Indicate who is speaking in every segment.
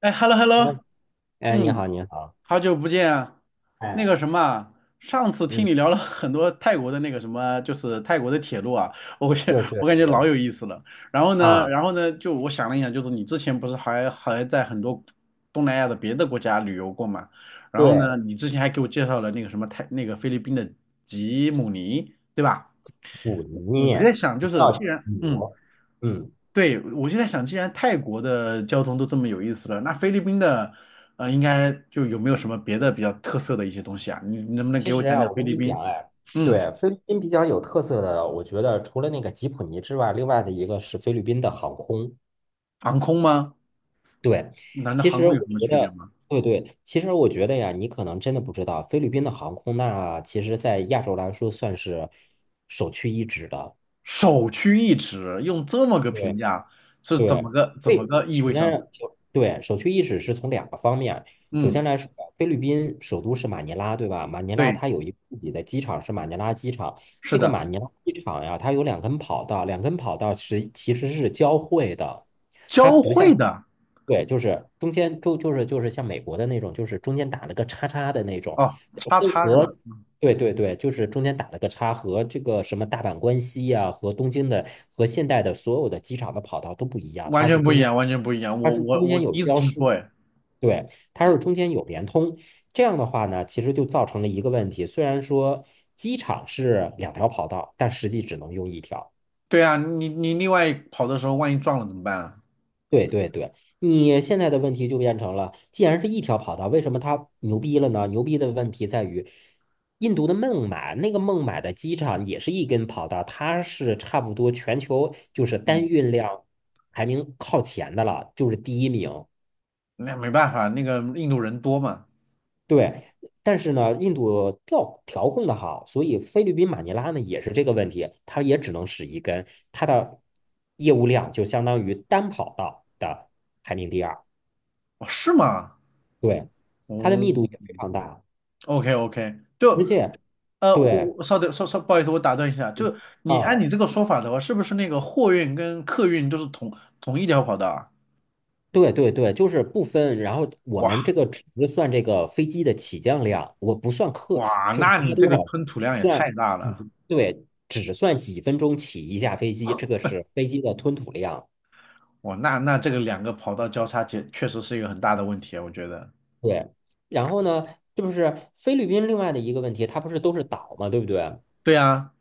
Speaker 1: 哎，hello
Speaker 2: 哎，
Speaker 1: hello，
Speaker 2: 哎，你
Speaker 1: 嗯，
Speaker 2: 好，你好。
Speaker 1: 好久不见啊。那个
Speaker 2: 哎，
Speaker 1: 什么啊，上次听
Speaker 2: 嗯，
Speaker 1: 你聊了很多泰国的那个什么，就是泰国的铁路啊，我感觉
Speaker 2: 是
Speaker 1: 我
Speaker 2: 是
Speaker 1: 感觉老
Speaker 2: 是
Speaker 1: 有意思了。然后呢，
Speaker 2: 啊。
Speaker 1: 然后呢，就我想了一想，就是你之前不是还在很多东南亚的别的国家旅游过嘛？然后
Speaker 2: 对，
Speaker 1: 呢，你之前还给我介绍了那个什么那个菲律宾的吉姆尼，对吧？
Speaker 2: 普
Speaker 1: 嗯，
Speaker 2: 尼。
Speaker 1: 我就在想，
Speaker 2: 不
Speaker 1: 就是
Speaker 2: 叫
Speaker 1: 既然。
Speaker 2: 普。嗯，
Speaker 1: 对，我就在想，既然泰国的交通都这么有意思了，那菲律宾的，应该就有没有什么别的比较特色的一些东西啊？你能不能
Speaker 2: 其
Speaker 1: 给我
Speaker 2: 实
Speaker 1: 讲
Speaker 2: 啊，
Speaker 1: 讲
Speaker 2: 我
Speaker 1: 菲
Speaker 2: 跟
Speaker 1: 律
Speaker 2: 你讲，
Speaker 1: 宾？
Speaker 2: 哎。
Speaker 1: 嗯，
Speaker 2: 对，菲律宾比较有特色的，我觉得除了那个吉普尼之外，另外的一个是菲律宾的航空。
Speaker 1: 航空吗？
Speaker 2: 对，
Speaker 1: 难道
Speaker 2: 其
Speaker 1: 航
Speaker 2: 实
Speaker 1: 空
Speaker 2: 我
Speaker 1: 有什么
Speaker 2: 觉
Speaker 1: 区别
Speaker 2: 得，
Speaker 1: 吗？
Speaker 2: 对对，其实我觉得呀，你可能真的不知道，菲律宾的航空那其实在亚洲来说算是首屈一指的。
Speaker 1: 首屈一指，用这么个评
Speaker 2: 对，
Speaker 1: 价是怎么
Speaker 2: 对，
Speaker 1: 个怎么
Speaker 2: 对，
Speaker 1: 个意
Speaker 2: 首
Speaker 1: 味
Speaker 2: 先
Speaker 1: 上的？
Speaker 2: 是首对首屈一指是从两个方面。首
Speaker 1: 嗯，
Speaker 2: 先来说，菲律宾首都是马尼拉，对吧？马尼拉
Speaker 1: 对，
Speaker 2: 它有一个自己的机场，是马尼拉机场。
Speaker 1: 是
Speaker 2: 这个
Speaker 1: 的，
Speaker 2: 马尼拉机场呀，它有两根跑道，两根跑道是其实是交汇的。它
Speaker 1: 交
Speaker 2: 不像……
Speaker 1: 汇的。
Speaker 2: 对，就是中间就是像美国的那种，就是中间打了个叉叉的那种。
Speaker 1: 哦，叉
Speaker 2: 跟
Speaker 1: 叉是吧？
Speaker 2: 和对对对，就是中间打了个叉，和这个什么大阪关西呀、和东京的和现代的所有的机场的跑道都不一样。
Speaker 1: 完
Speaker 2: 它是
Speaker 1: 全不
Speaker 2: 中
Speaker 1: 一
Speaker 2: 间……
Speaker 1: 样，完全不一样。
Speaker 2: 它
Speaker 1: 我
Speaker 2: 是
Speaker 1: 我
Speaker 2: 中
Speaker 1: 我
Speaker 2: 间
Speaker 1: 第
Speaker 2: 有
Speaker 1: 一次
Speaker 2: 交
Speaker 1: 听说，
Speaker 2: 失，
Speaker 1: 哎。
Speaker 2: 对，它是中间有联通。这样的话呢，其实就造成了一个问题，虽然说机场是两条跑道，但实际只能用一条。
Speaker 1: 对啊，你另外跑的时候，万一撞了怎么办啊？
Speaker 2: 对对对，你现在的问题就变成了，既然是一条跑道，为什么它牛逼了呢？牛逼的问题在于，印度的孟买，那个孟买的机场也是一根跑道，它是差不多全球就是
Speaker 1: 嗯。
Speaker 2: 单运量排名靠前的了，就是第一名。
Speaker 1: 那没办法，那个印度人多嘛。
Speaker 2: 对，但是呢，印度调控的好，所以菲律宾马尼拉呢也是这个问题，它也只能使一根，它的业务量就相当于单跑道的排名第二。
Speaker 1: 哦，是吗？
Speaker 2: 对，它的
Speaker 1: 哦
Speaker 2: 密度也非常大，
Speaker 1: ，OK OK，
Speaker 2: 而
Speaker 1: 就
Speaker 2: 且
Speaker 1: 我
Speaker 2: 对，
Speaker 1: 我稍等，稍稍不好意思，我打断一下，
Speaker 2: 嗯
Speaker 1: 就你
Speaker 2: 啊，
Speaker 1: 按你这个说法的话，是不是那个货运跟客运都是同一条跑道啊？
Speaker 2: 对对对，就是不分。然后我
Speaker 1: 哇
Speaker 2: 们这个只是算这个飞机的起降量，我不算客，
Speaker 1: 哇，
Speaker 2: 就是
Speaker 1: 那
Speaker 2: 拉
Speaker 1: 你这
Speaker 2: 多
Speaker 1: 个
Speaker 2: 少，
Speaker 1: 吞吐
Speaker 2: 只
Speaker 1: 量也太
Speaker 2: 算
Speaker 1: 大
Speaker 2: 几，
Speaker 1: 了。
Speaker 2: 对，只算几分钟起一架飞机，这个是飞机的吞吐量。
Speaker 1: 哇，那这个两个跑道交叉，确实是一个很大的问题啊，我觉得。
Speaker 2: 对，然后呢，就是菲律宾另外的一个问题，它不是都是岛嘛，对不对？
Speaker 1: 对啊。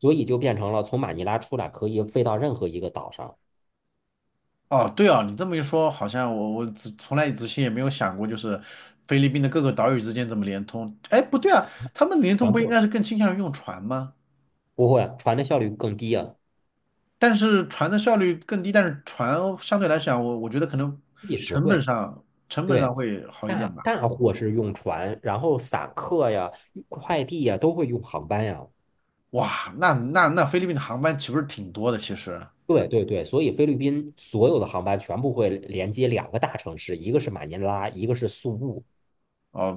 Speaker 2: 所以就变成了从马尼拉出来可以飞到任何一个岛上。
Speaker 1: 哦，对哦，你这么一说，好像我之从来之前也没有想过，就是菲律宾的各个岛屿之间怎么联通。哎，不对啊，他们联通
Speaker 2: 全
Speaker 1: 不应
Speaker 2: 部
Speaker 1: 该是更倾向于用船吗？
Speaker 2: 不会，船的效率更低啊。
Speaker 1: 但是船的效率更低，但是船相对来讲，我觉得可能
Speaker 2: 地实
Speaker 1: 成本
Speaker 2: 惠。
Speaker 1: 上成本上
Speaker 2: 对，
Speaker 1: 会好一
Speaker 2: 大
Speaker 1: 点吧。
Speaker 2: 大货是用船，然后散客呀、快递呀都会用航班呀。
Speaker 1: 哇，那菲律宾的航班岂不是挺多的？其实
Speaker 2: 对对对，所以菲律宾所有的航班全部会连接两个大城市，一个是马尼拉，一个是宿务。
Speaker 1: 哦，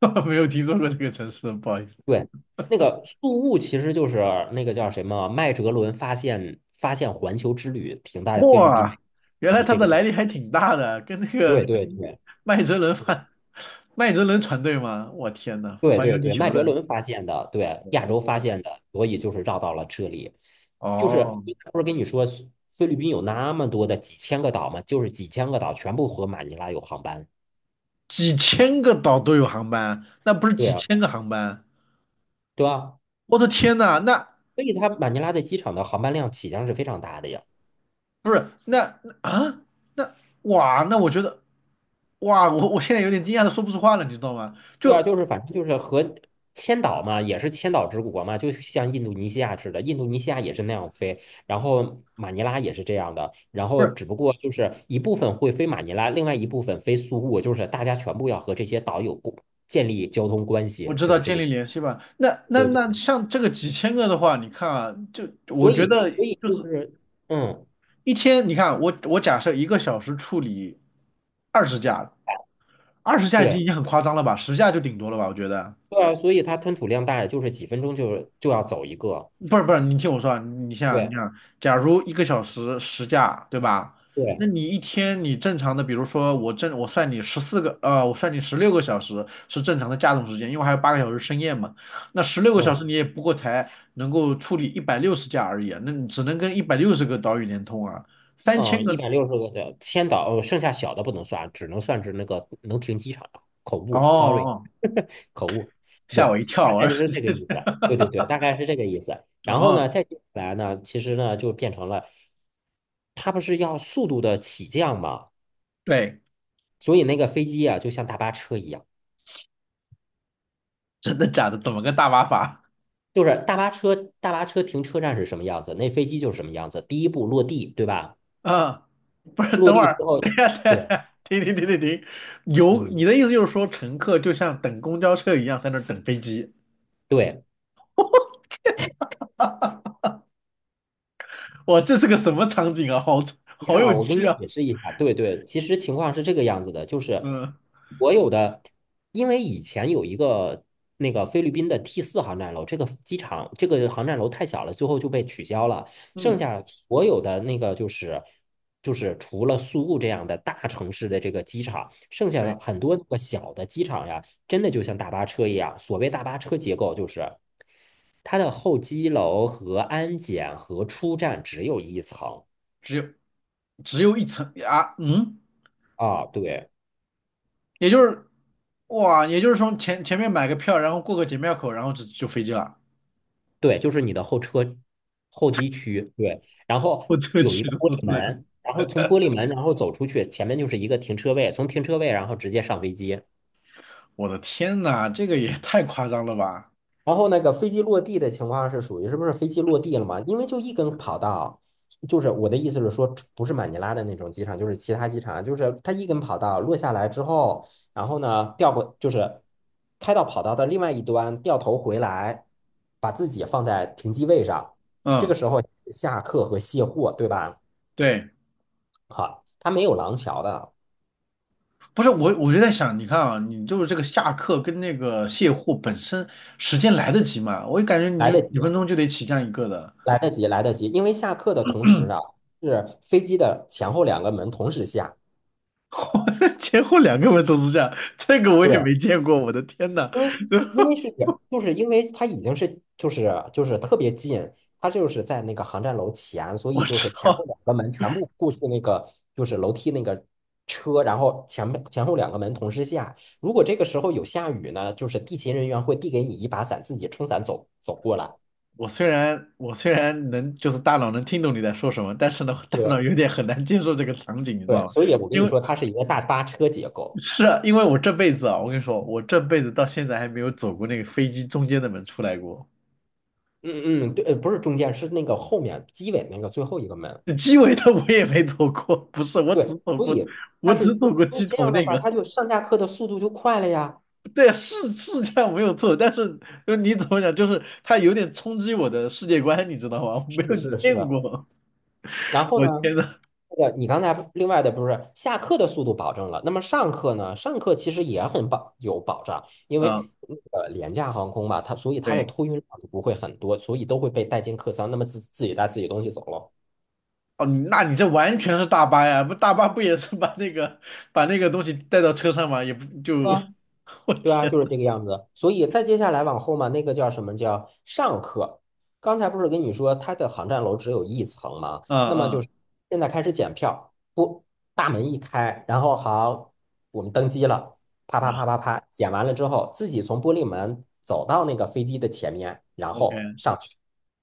Speaker 1: 没有听说过这个城市，不好意思。
Speaker 2: 对，那个宿务其实就是那个叫什么麦哲伦发现环球之旅停在菲律宾，
Speaker 1: 哇，原
Speaker 2: 就
Speaker 1: 来
Speaker 2: 是
Speaker 1: 它
Speaker 2: 这
Speaker 1: 的
Speaker 2: 个地。
Speaker 1: 来历还挺大的，跟那
Speaker 2: 对
Speaker 1: 个
Speaker 2: 对对
Speaker 1: 麦哲伦
Speaker 2: 对
Speaker 1: 饭、麦哲伦船队吗？我天呐，
Speaker 2: 对
Speaker 1: 环游
Speaker 2: 对
Speaker 1: 地
Speaker 2: 对，麦
Speaker 1: 球的。
Speaker 2: 哲伦发现的，对，亚洲发
Speaker 1: 哦
Speaker 2: 现的，所以就是绕到了这里。就是
Speaker 1: 哦，
Speaker 2: 不是跟你说菲律宾有那么多的几千个岛吗？就是几千个岛全部和马尼拉有航班。
Speaker 1: 几千个岛都有航班，那不是
Speaker 2: 对
Speaker 1: 几
Speaker 2: 啊，
Speaker 1: 千个航班？
Speaker 2: 对吧？
Speaker 1: 我的天呐。那
Speaker 2: 所以它马尼拉的机场的航班量起降是非常大的呀。
Speaker 1: 不是那那啊那哇，那我觉得，哇，我现在有点惊讶的说不出话了，你知道吗？
Speaker 2: 对啊，
Speaker 1: 就，
Speaker 2: 就是反正就是和千岛嘛，也是千岛之国嘛，就像印度尼西亚似的，印度尼西亚也是那样飞，然后马尼拉也是这样的，然
Speaker 1: 不
Speaker 2: 后
Speaker 1: 是，
Speaker 2: 只不过就是一部分会飞马尼拉，另外一部分飞苏务，就是大家全部要和这些岛有过建立交通关
Speaker 1: 我
Speaker 2: 系，
Speaker 1: 知
Speaker 2: 就
Speaker 1: 道
Speaker 2: 是这
Speaker 1: 建
Speaker 2: 个意
Speaker 1: 立联
Speaker 2: 思。
Speaker 1: 系吧？那那
Speaker 2: 对对，
Speaker 1: 那像这个几千个的话，你看啊，就我
Speaker 2: 所
Speaker 1: 觉
Speaker 2: 以
Speaker 1: 得。
Speaker 2: 所以
Speaker 1: 就
Speaker 2: 就
Speaker 1: 是。
Speaker 2: 是嗯，
Speaker 1: 一天，你看我假设一个小时处理二十架，二十架已经
Speaker 2: 对，
Speaker 1: 很夸张了吧，十架就顶多了吧，我觉得。
Speaker 2: 对啊，所以它吞吐量大，就是几分钟就要走一个。
Speaker 1: 不是不是，你听我说啊，你想你
Speaker 2: 对
Speaker 1: 想，假如一个小时十架，对吧？那
Speaker 2: 对，
Speaker 1: 你一天你正常的，比如说我算你14个，我算你十六个小时是正常的架动时间，因为还有8个小时深夜嘛。那十六个小时
Speaker 2: 嗯。
Speaker 1: 你也不过才能够处理160架而已啊，那你只能跟160个岛屿连通啊，三千
Speaker 2: 嗯，一
Speaker 1: 个，
Speaker 2: 百六十个的千岛，哦剩下小的不能算，只能算是那个能停机场的。口
Speaker 1: 哦哦，
Speaker 2: 误，sorry。
Speaker 1: 哦，
Speaker 2: 口误。
Speaker 1: 吓
Speaker 2: 对，
Speaker 1: 我一跳，
Speaker 2: 大
Speaker 1: 我
Speaker 2: 概就
Speaker 1: 说。
Speaker 2: 是这个意思。对对对，大概是这个意思。然后
Speaker 1: 哦，
Speaker 2: 呢，再接下来呢，其实呢就变成了，它不是要速度的起降嘛，
Speaker 1: 对，
Speaker 2: 所以那个飞机啊，就像大巴车一样。
Speaker 1: 真的假的？怎么个大麻法？
Speaker 2: 就是大巴车，大巴车停车站是什么样子，那飞机就是什么样子。第一步落地，对吧？
Speaker 1: 嗯，不是，
Speaker 2: 落
Speaker 1: 等会
Speaker 2: 地之
Speaker 1: 儿，
Speaker 2: 后，
Speaker 1: 等一下，
Speaker 2: 对，
Speaker 1: 等一下，停停停停停，有
Speaker 2: 嗯。
Speaker 1: 你的意思就是说，乘客就像等公交车一样在那儿等飞机？
Speaker 2: 对，
Speaker 1: 哇，这是个什么场景啊？好
Speaker 2: 你
Speaker 1: 好
Speaker 2: 看啊，
Speaker 1: 有
Speaker 2: 我给
Speaker 1: 趣
Speaker 2: 你
Speaker 1: 啊！
Speaker 2: 解释一下，对对，其实情况是这个样子的，就是
Speaker 1: 嗯
Speaker 2: 所有的，因为以前有一个那个菲律宾的 T4航站楼，这个机场这个航站楼太小了，最后就被取消了，剩
Speaker 1: 嗯，
Speaker 2: 下所有的那个就是除了宿务这样的大城市的这个机场，剩下
Speaker 1: 对，
Speaker 2: 的很多个小的机场呀，真的就像大巴车一样，所谓大巴车结构就是它的候机楼和安检和出站只有一层
Speaker 1: 只有只有一层啊，
Speaker 2: 啊，对。
Speaker 1: 也就是也就是说前面买个票，然后过个检票口，然后就飞机了。
Speaker 2: 对，就是你的候车候机区，对，然后
Speaker 1: 我这个
Speaker 2: 有一
Speaker 1: 去
Speaker 2: 个
Speaker 1: 的
Speaker 2: 玻
Speaker 1: 都
Speaker 2: 璃
Speaker 1: 出来了，
Speaker 2: 门，然后从玻璃门然后走出去，前面就是一个停车位，从停车位然后直接上飞机。
Speaker 1: 我的天呐，这个也太夸张了吧？
Speaker 2: 然后那个飞机落地的情况是属于是不是飞机落地了嘛？因为就一根跑道，就是我的意思是说，不是马尼拉的那种机场，就是其他机场，就是它一根跑道落下来之后，然后呢掉过就是开到跑道的另外一端，掉头回来，把自己放在停机位上，这个
Speaker 1: 嗯，
Speaker 2: 时候下客和卸货，对吧？
Speaker 1: 对。
Speaker 2: 好，它没有廊桥的。
Speaker 1: 不是，我，我就在想，你看啊，你就是这个下课跟那个卸货本身时间来得及吗？我就感觉你
Speaker 2: 来
Speaker 1: 就
Speaker 2: 得及，
Speaker 1: 几分钟就得起降一个的，
Speaker 2: 来得及，来得及，因为下客的同时啊，是飞机的前后两个门同时下。
Speaker 1: 前后两个门都是这样，这个我也
Speaker 2: 对，
Speaker 1: 没见过，我的天呐。
Speaker 2: 因为因为是就是因为它已经是就是就是特别近，它就是在那个航站楼前，所
Speaker 1: 我
Speaker 2: 以就
Speaker 1: 知
Speaker 2: 是前后
Speaker 1: 道，
Speaker 2: 两个门全部过去那个就是楼梯那个车，然后前后两个门同时下。如果这个时候有下雨呢，就是地勤人员会递给你一把伞，自己撑伞走过来。
Speaker 1: 我虽然能就是大脑能听懂你在说什么，但是呢，我大脑
Speaker 2: 对
Speaker 1: 有点很难接受这个场景，你知
Speaker 2: 对，
Speaker 1: 道吗？
Speaker 2: 所以我跟
Speaker 1: 因
Speaker 2: 你
Speaker 1: 为
Speaker 2: 说，它是一个大巴车结构。
Speaker 1: 是啊，因为我这辈子啊，我跟你说，我这辈子到现在还没有走过那个飞机中间的门出来过。
Speaker 2: 嗯嗯，对，不是中间，是那个后面机尾那个最后一个门。
Speaker 1: 鸡尾的我也没走过，不是，我
Speaker 2: 对，
Speaker 1: 只走
Speaker 2: 所
Speaker 1: 过，
Speaker 2: 以
Speaker 1: 我只走过
Speaker 2: 所以
Speaker 1: 鸡
Speaker 2: 这
Speaker 1: 头
Speaker 2: 样的
Speaker 1: 那
Speaker 2: 话，
Speaker 1: 个。
Speaker 2: 它就上下课的速度就快了呀。
Speaker 1: 对啊，是这样没有错，但是就你怎么讲，就是它有点冲击我的世界观，你知道吗？我没
Speaker 2: 是的，
Speaker 1: 有
Speaker 2: 是的，是
Speaker 1: 见
Speaker 2: 的。
Speaker 1: 过，
Speaker 2: 然后
Speaker 1: 我
Speaker 2: 呢，
Speaker 1: 天呐。
Speaker 2: 那个你刚才另外的不是下课的速度保证了，那么上课呢？上课其实也有保障，因
Speaker 1: 嗯，
Speaker 2: 为廉价航空嘛，它所以它的
Speaker 1: 对，
Speaker 2: 托运量不会很多，所以都会被带进客舱，那么自己带自己东西走了。
Speaker 1: 哦，那你这完全是大巴呀，不大巴不也是把那个东西带到车上吗？也不就，
Speaker 2: 啊。
Speaker 1: 我
Speaker 2: 对啊，就
Speaker 1: 天。
Speaker 2: 是这个样子。所以再接下来往后嘛，那个叫什么叫上课？刚才不是跟你说它的航站楼只有一层吗？
Speaker 1: 嗯
Speaker 2: 那么就
Speaker 1: 嗯，
Speaker 2: 是现在开始检票，不，大门一开，然后好，我们登机了，啪啪
Speaker 1: 然后
Speaker 2: 啪啪啪，检完了之后，自己从玻璃门走到那个飞机的前面，然后
Speaker 1: OK，
Speaker 2: 上去。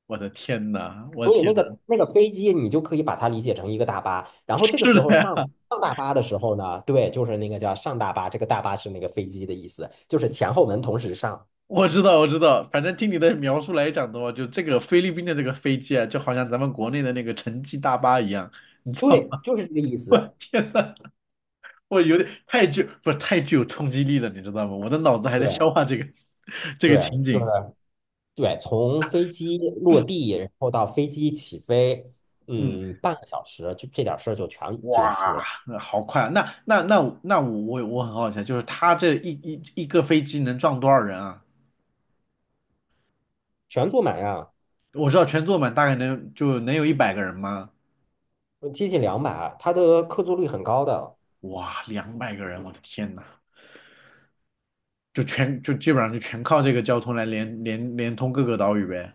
Speaker 1: 我的天呐，我的
Speaker 2: 所以
Speaker 1: 天
Speaker 2: 那
Speaker 1: 呐，
Speaker 2: 个那个飞机，你就可以把它理解成一个大巴。然后这个
Speaker 1: 是
Speaker 2: 时候
Speaker 1: 的
Speaker 2: 上
Speaker 1: 呀。
Speaker 2: 上大巴的时候呢，对，就是那个叫上大巴，这个大巴是那个飞机的意思，就是前后门同时上。
Speaker 1: 我知道，我知道，反正听你的描述来讲的话，就这个菲律宾的这个飞机啊，就好像咱们国内的那个城际大巴一样，你知道
Speaker 2: 对，
Speaker 1: 吗？
Speaker 2: 就是这个意 思。
Speaker 1: 天呐，我有点太具，不是太具有冲击力了，你知道吗？我的脑子还在
Speaker 2: 对
Speaker 1: 消化这个 这个
Speaker 2: 对，
Speaker 1: 情
Speaker 2: 就是
Speaker 1: 景。
Speaker 2: 对，从飞机落地，然后到飞机起飞，
Speaker 1: 嗯，
Speaker 2: 嗯，半个小时，就这点事儿就全结束
Speaker 1: 哇，
Speaker 2: 了。
Speaker 1: 那好快啊！那我很好奇啊，就是他这一个飞机能撞多少人啊？
Speaker 2: 全坐满呀，
Speaker 1: 我知道全坐满大概就能有100个人吗？
Speaker 2: 接近200，它的客座率很高的。
Speaker 1: 哇，200个人，我的天呐！就全就基本上就全靠这个交通来连通各个岛屿呗。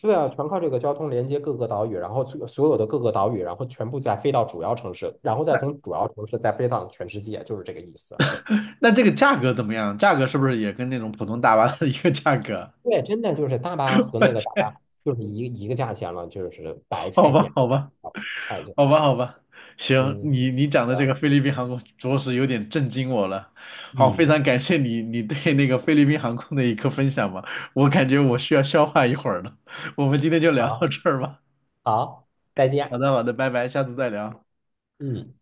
Speaker 2: 对啊，全靠这个交通连接各个岛屿，然后所有的各个岛屿，然后全部再飞到主要城市，然后再从主要城市再飞到全世界，就是这个意思。
Speaker 1: 那这个价格怎么样？价格是不是也跟那种普通大巴的一个价格？
Speaker 2: 对，真的就是大巴和那个大巴就是一个一个价钱了，就是白
Speaker 1: 好
Speaker 2: 菜价，
Speaker 1: 吧，好
Speaker 2: 这个
Speaker 1: 吧，
Speaker 2: 叫白菜价。
Speaker 1: 好吧，好吧，行，
Speaker 2: 嗯，
Speaker 1: 你讲的
Speaker 2: 对
Speaker 1: 这
Speaker 2: 啊，
Speaker 1: 个菲律宾航空着实有点震惊我了。好，非
Speaker 2: 嗯，
Speaker 1: 常感谢你对那个菲律宾航空的一个分享吧，我感觉我需要消化一会儿了。我们今天就聊到
Speaker 2: 好，
Speaker 1: 这儿吧。
Speaker 2: 好，再
Speaker 1: 好
Speaker 2: 见。
Speaker 1: 的，好的，拜拜，下次再聊。
Speaker 2: 嗯。